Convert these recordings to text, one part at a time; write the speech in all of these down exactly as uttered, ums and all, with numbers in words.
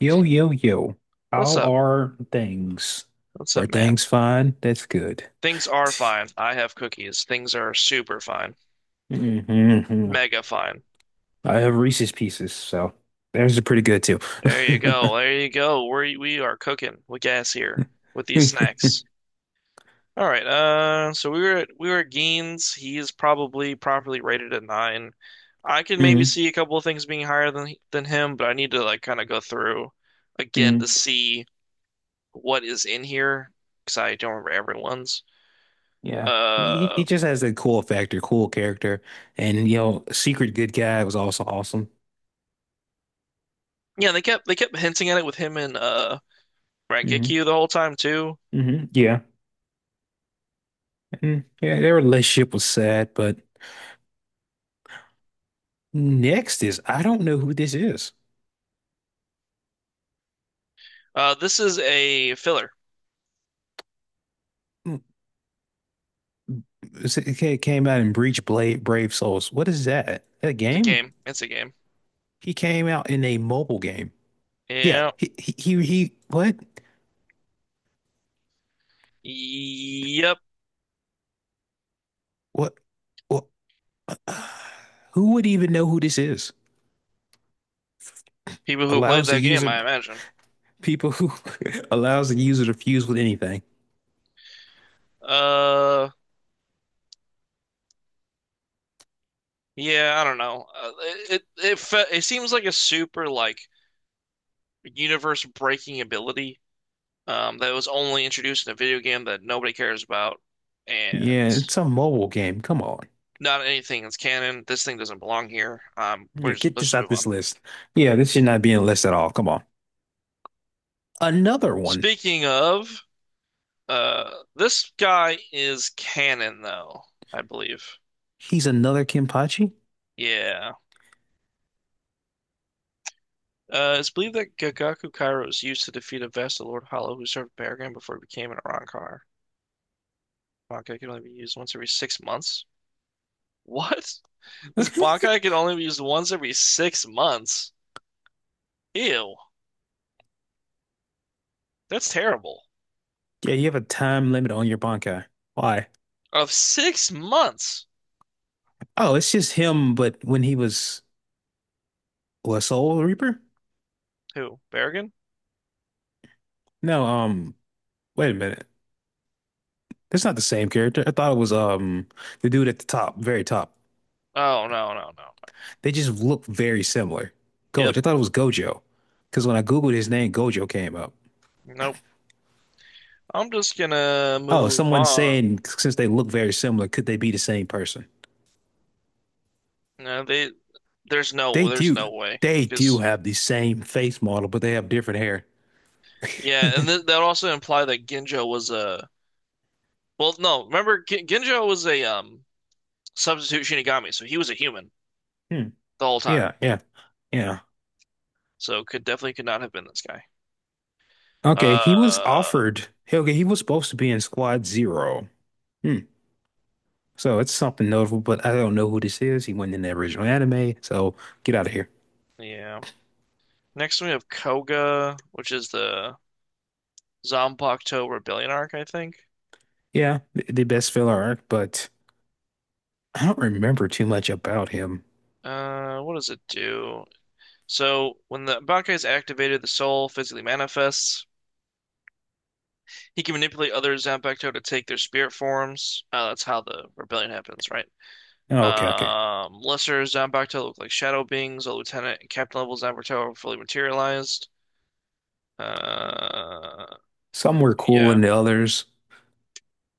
Yo, yo, yo. What's How up? are things? What's Are up, man? things fine? That's good. Things are fine. I have cookies. Things are super fine. hmm Mega fine. I have Reese's Pieces, so theirs are pretty good too. There you go. There you go. We we are cooking with gas here with these hmm snacks. All right. Uh, so we were at, we were at Gein's. He is probably properly rated at nine. I could maybe see a couple of things being higher than than him, but I need to like kind of go through again to hmm see what is in here because I don't remember everyone's. Yeah. He, Uh, he just has a cool factor, cool character. And, you know, Secret Good Guy was also awesome. yeah, they kept they kept hinting at it with him and uh. hmm Rengeki the whole time too. hmm Yeah. And, yeah, their relationship was sad, but next is I don't know who this is. Uh, this is a filler. It came out in Breach Blade Brave Souls. What is that? A It's a game? game. It's a game. He came out in a mobile game. Yeah. Yeah. He he he, he what? Yep. What what who would even know who this is? People who played Allows the that game, user I imagine. people who allows the user to fuse with anything. Uh, yeah. I don't know. Uh, it it it, fe it seems like a super like universe breaking ability. Um, that was only introduced in a video game that nobody cares about, and Yeah, it's a mobile game. Come on. not anything that's canon. This thing doesn't belong here. Um, we're Yeah, just get let's this just out move on. this list. Yeah, this should not be in the list at all. Come on. Another one. Speaking of Uh, this guy is canon, though, I believe. He's another Kenpachi? Yeah. Uh, it's believed that Gagaku Kairo was used to defeat a vassal Lord Hollow who served Barragan before he became an Arrancar. Bankai can only be used once every six months. What? This Bankai can only be used once every six months? Ew. That's terrible. Yeah, you have a time limit on your Bankai. Why? Of six months? Oh, it's just him, but when he was what, Soul Reaper? Who? Barragan? No, um, wait a minute. That's not the same character. I thought it was um the dude at the top, very top. Oh, no, no, no. No. They just look very similar. Yep. Gojo. I thought it was Gojo. Because when I Googled his name, Gojo came up. Nope. I'm just gonna Oh, move someone's on. saying since they look very similar, could they be the same person? No, they, there's They no, there's no do way. they do Because have the same face model, but they have different hair. Yeah, and th that also imply that Ginjo was a, well, no, remember, G Ginjo was a um substitute Shinigami, so he was a human Hmm. the whole time. Yeah, yeah, yeah. So could definitely could not have been this guy. Okay, he was Uh, offered. Hey, okay, he was supposed to be in Squad Zero. Hmm. So it's something notable, but I don't know who this is. He wasn't in the original anime, so get out of here. yeah. Next we have Koga, which is the Zanpakuto Rebellion arc, I think. Yeah, th- the best filler arc, but I don't remember too much about him. Uh, what does it do? So when the Bankai is activated, the soul physically manifests. He can manipulate other Zanpakuto to take their spirit forms. Uh, that's how the rebellion happens, right? Oh, okay, okay. Um, lesser Zanbakuto look like shadow beings. A lieutenant and captain level Zanbakuto are fully materialized. Uh, Some were cool yeah. than the others.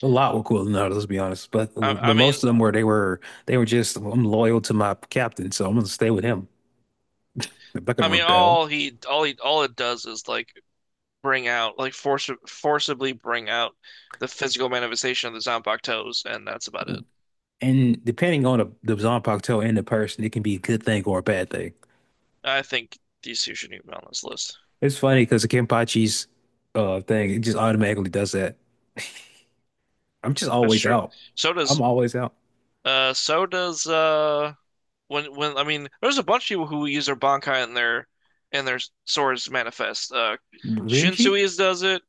A lot were cool than others, let's be honest. But I, I but mean, most of them were they were they were just I'm loyal to my captain, so I'm gonna stay with him. I'm not I gonna mean, rebel. all he, all he, all it does is like bring out, like force, forcibly bring out the physical manifestation of the Zanbakutos, and that's about it. And depending on the, the Zanpakuto and the person, it can be a good thing or a bad thing. I think these two shouldn't even be on this list. It's funny because the Kenpachi's uh thing, it just automatically does that. I'm just That's always true. out. So does, I'm always out. uh, so does, uh, when when I mean, there's a bunch of people who use their Bankai and their and their swords manifest. Uh, Renji? Shinsui's does it.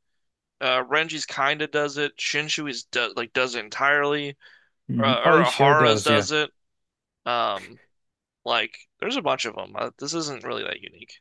Uh, Renji's kinda does it. Shinsui's does like does it entirely. Mhm. Uh, Oh, he sure Urahara's does. Yeah. does it. Um, like there's a bunch of them. Uh, this isn't really that unique.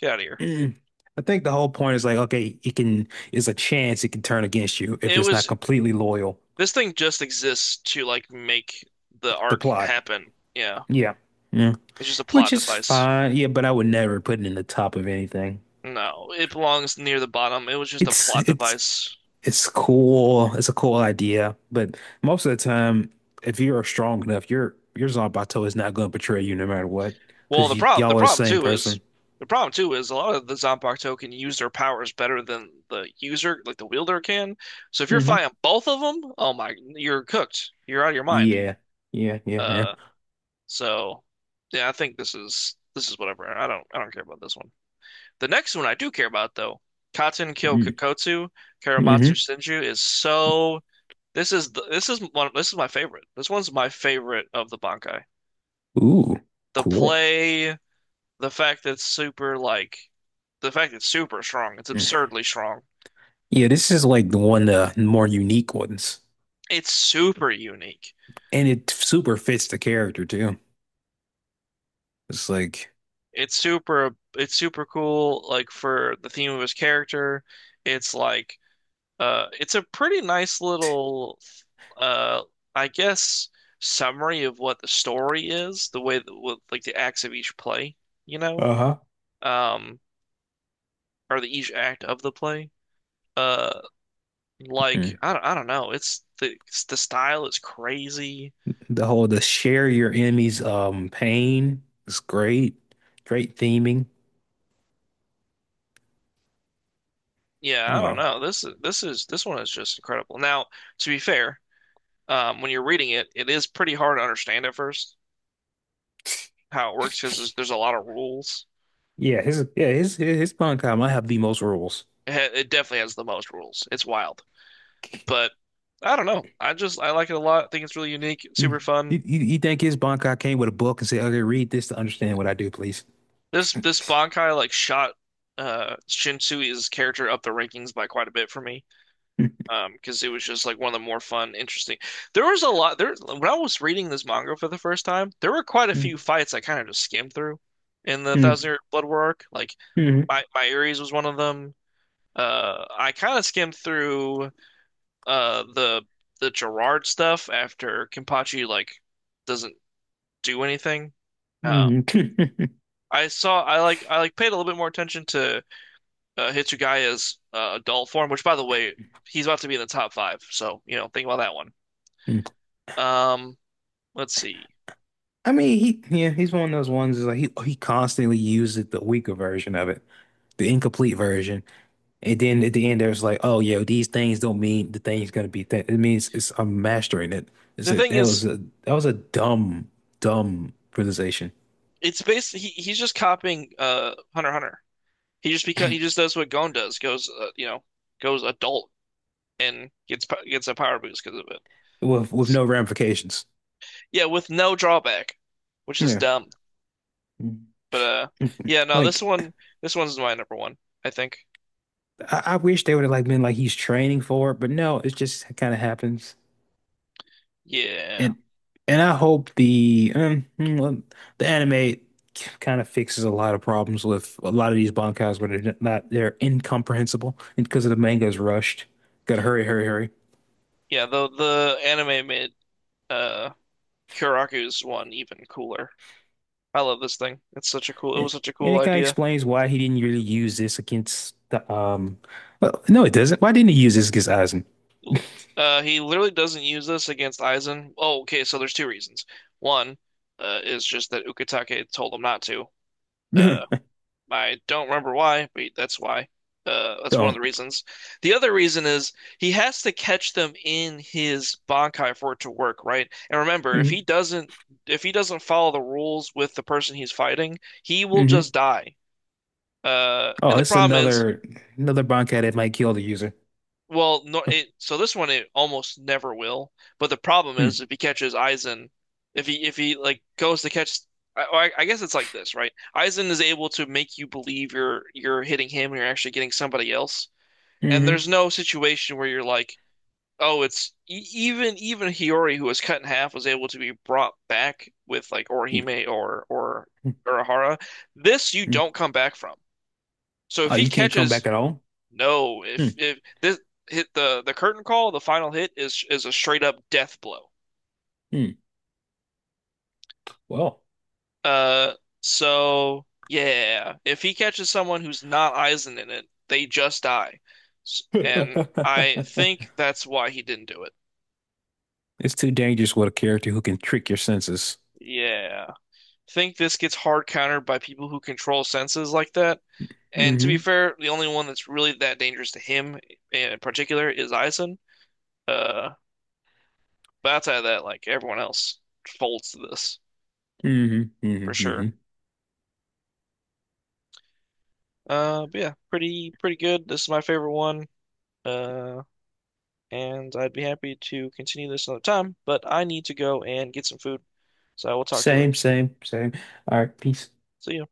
Get out of here. Mhm. I think the whole point is like, okay, it can, it's a chance it can turn against you if It it's not was completely loyal this thing just exists to like make the to arc plot. happen. Yeah, Yeah. Yeah. it's just a Which plot is device. fine. Yeah, but I would never put it in the top of anything. No, it belongs near the bottom. It was just a It's, plot it's, device. it's cool. It's a cool idea. But most of the time, if you're strong enough, your, your Zanpakuto is not going to betray you no matter what, Well, because the problem the y'all are the problem same too is person. the problem too is a lot of the Zombark token use their powers better than the user, like the wielder can. So if you're fighting both of them, oh my, you're cooked. You're out of your mind. Yeah, yeah, yeah, yeah. Uh, so yeah, I think this is this is whatever. I don't I don't care about this one. The next one I do care about though, Katen Mm, Kyokotsu Karamatsu hmm Senju is so. This is the, this is one this is my favorite. This one's my favorite of the Bankai. ooh, The cool. play The fact that it's super like the fact that it's super strong, it's Mm. absurdly strong. Yeah, this is like the one of the more unique ones, It's super unique. and it super fits the character too. It's like It's super it's super cool like for the theme of his character. It's like uh it's a pretty nice little uh I guess summary of what the story is, the way that with like the acts of each play, you know? uh-huh. Um or the each act of the play. Uh like mm. I don't, I don't know. It's the it's the style is crazy. The whole the share your enemy's um pain is great, great theming. Yeah, I don't Oh, know. This is this is this one is just incredible. Now, to be fair, um, when you're reading it, it is pretty hard to understand at first how it works because there's, there's a lot of rules. yeah, his yeah his his, his Bankai might have the most rules. It, ha it definitely has the most rules. It's wild, but I don't know. I just I like it a lot. I think it's really unique, Mm. super fun. You, you, you think his Bankai came with a book and said, "Okay, read this to understand what I do, please." This this Bankai like shot uh Shinsui's character up the rankings by quite a bit for me, um because it was just like one of the more fun interesting, there was a lot there when I was reading this manga for the first time. There were quite a few mm, fights I kind of just skimmed through in the Thousand Year Blood War arc, like mm, my my Ares was one of them. uh I kind of skimmed through uh the the Gerard stuff after Kenpachi like doesn't do anything. um mm, mm. I saw I like I like paid a little bit more attention to uh, Hitsugaya's uh, adult form, which by the way, he's about to be in the top five, so you know think about that one. Mm. Um, let's see. I mean, he yeah, he's one of those ones is like he he constantly uses the weaker version of it, the incomplete version, and then at the end there's like, oh yeah, these things don't mean the thing's gonna be that. It means it's I'm mastering it. It's The a, thing that was is, a that was a dumb dumb realization it's basically he, he's just copying uh Hunter x Hunter. He just beca he just does what Gon does, goes uh, you know, goes adult and gets po- gets a power boost because of it. with with no ramifications. Yeah, with no drawback, which is Yeah, dumb. But uh yeah, no, this like one this one's my number one, I think. I, I wish they would have like been like he's training for it, but no, it just kind of happens. Yeah. And and I hope the um, mm, well, the anime kind of fixes a lot of problems with a lot of these bankais where they're not they're incomprehensible and because of the manga's rushed. Gotta hurry, hurry, hurry. Yeah, the the anime made uh Kyoraku's one even cooler. I love this thing. It's such a cool it And, was such a and cool it kind of idea. explains why he didn't really use this against the um. Well, no, it doesn't. Why didn't he use this against Aizen? Uh, he literally doesn't use this against Aizen. Oh, okay, so there's two reasons. One, uh, is just that Ukitake told him not to. Uh, I don't remember why, but that's why. Uh, that's one of the Don't. reasons. The other reason is he has to catch them in his Bankai for it to work, right? And remember, if he hmm doesn't, if he doesn't follow the rules with the person he's fighting, he will hmm just die. Uh, and Oh, the it's problem is. another another bankai that might kill the user. Well, no, it, so this one it almost never will. But the problem Hmm. is if he catches Aizen, if he if he like goes to catch, I, I I guess it's like this, right? Aizen is able to make you believe you're you're hitting him and you're actually getting somebody else. And hmm there's no situation where you're like, oh, it's e even even Hiyori who was cut in half was able to be brought back with like Orihime or or Urahara. This you Hmm. don't come back from. So if Oh, he you can't come catches back at all? no, Hmm. if if this hit the the curtain call, the final hit is is a straight up death blow. Hmm. Well. Uh, so yeah, if he catches someone who's not Aizen in it, they just die. S- And I think that's why he didn't do it. It's too dangerous with a character who can trick your senses. Yeah. Think this gets hard countered by people who control senses like that. And to be hmm fair, the only one that's really that dangerous to him in particular is Aizen. Uh, but outside of that, like everyone else folds to this hmm hmm for sure. hmm Uh, but yeah, pretty pretty good. This is my favorite one. Uh, and I'd be happy to continue this another time, but I need to go and get some food. So I will talk to you Same, later. same, same. All right, peace. See you.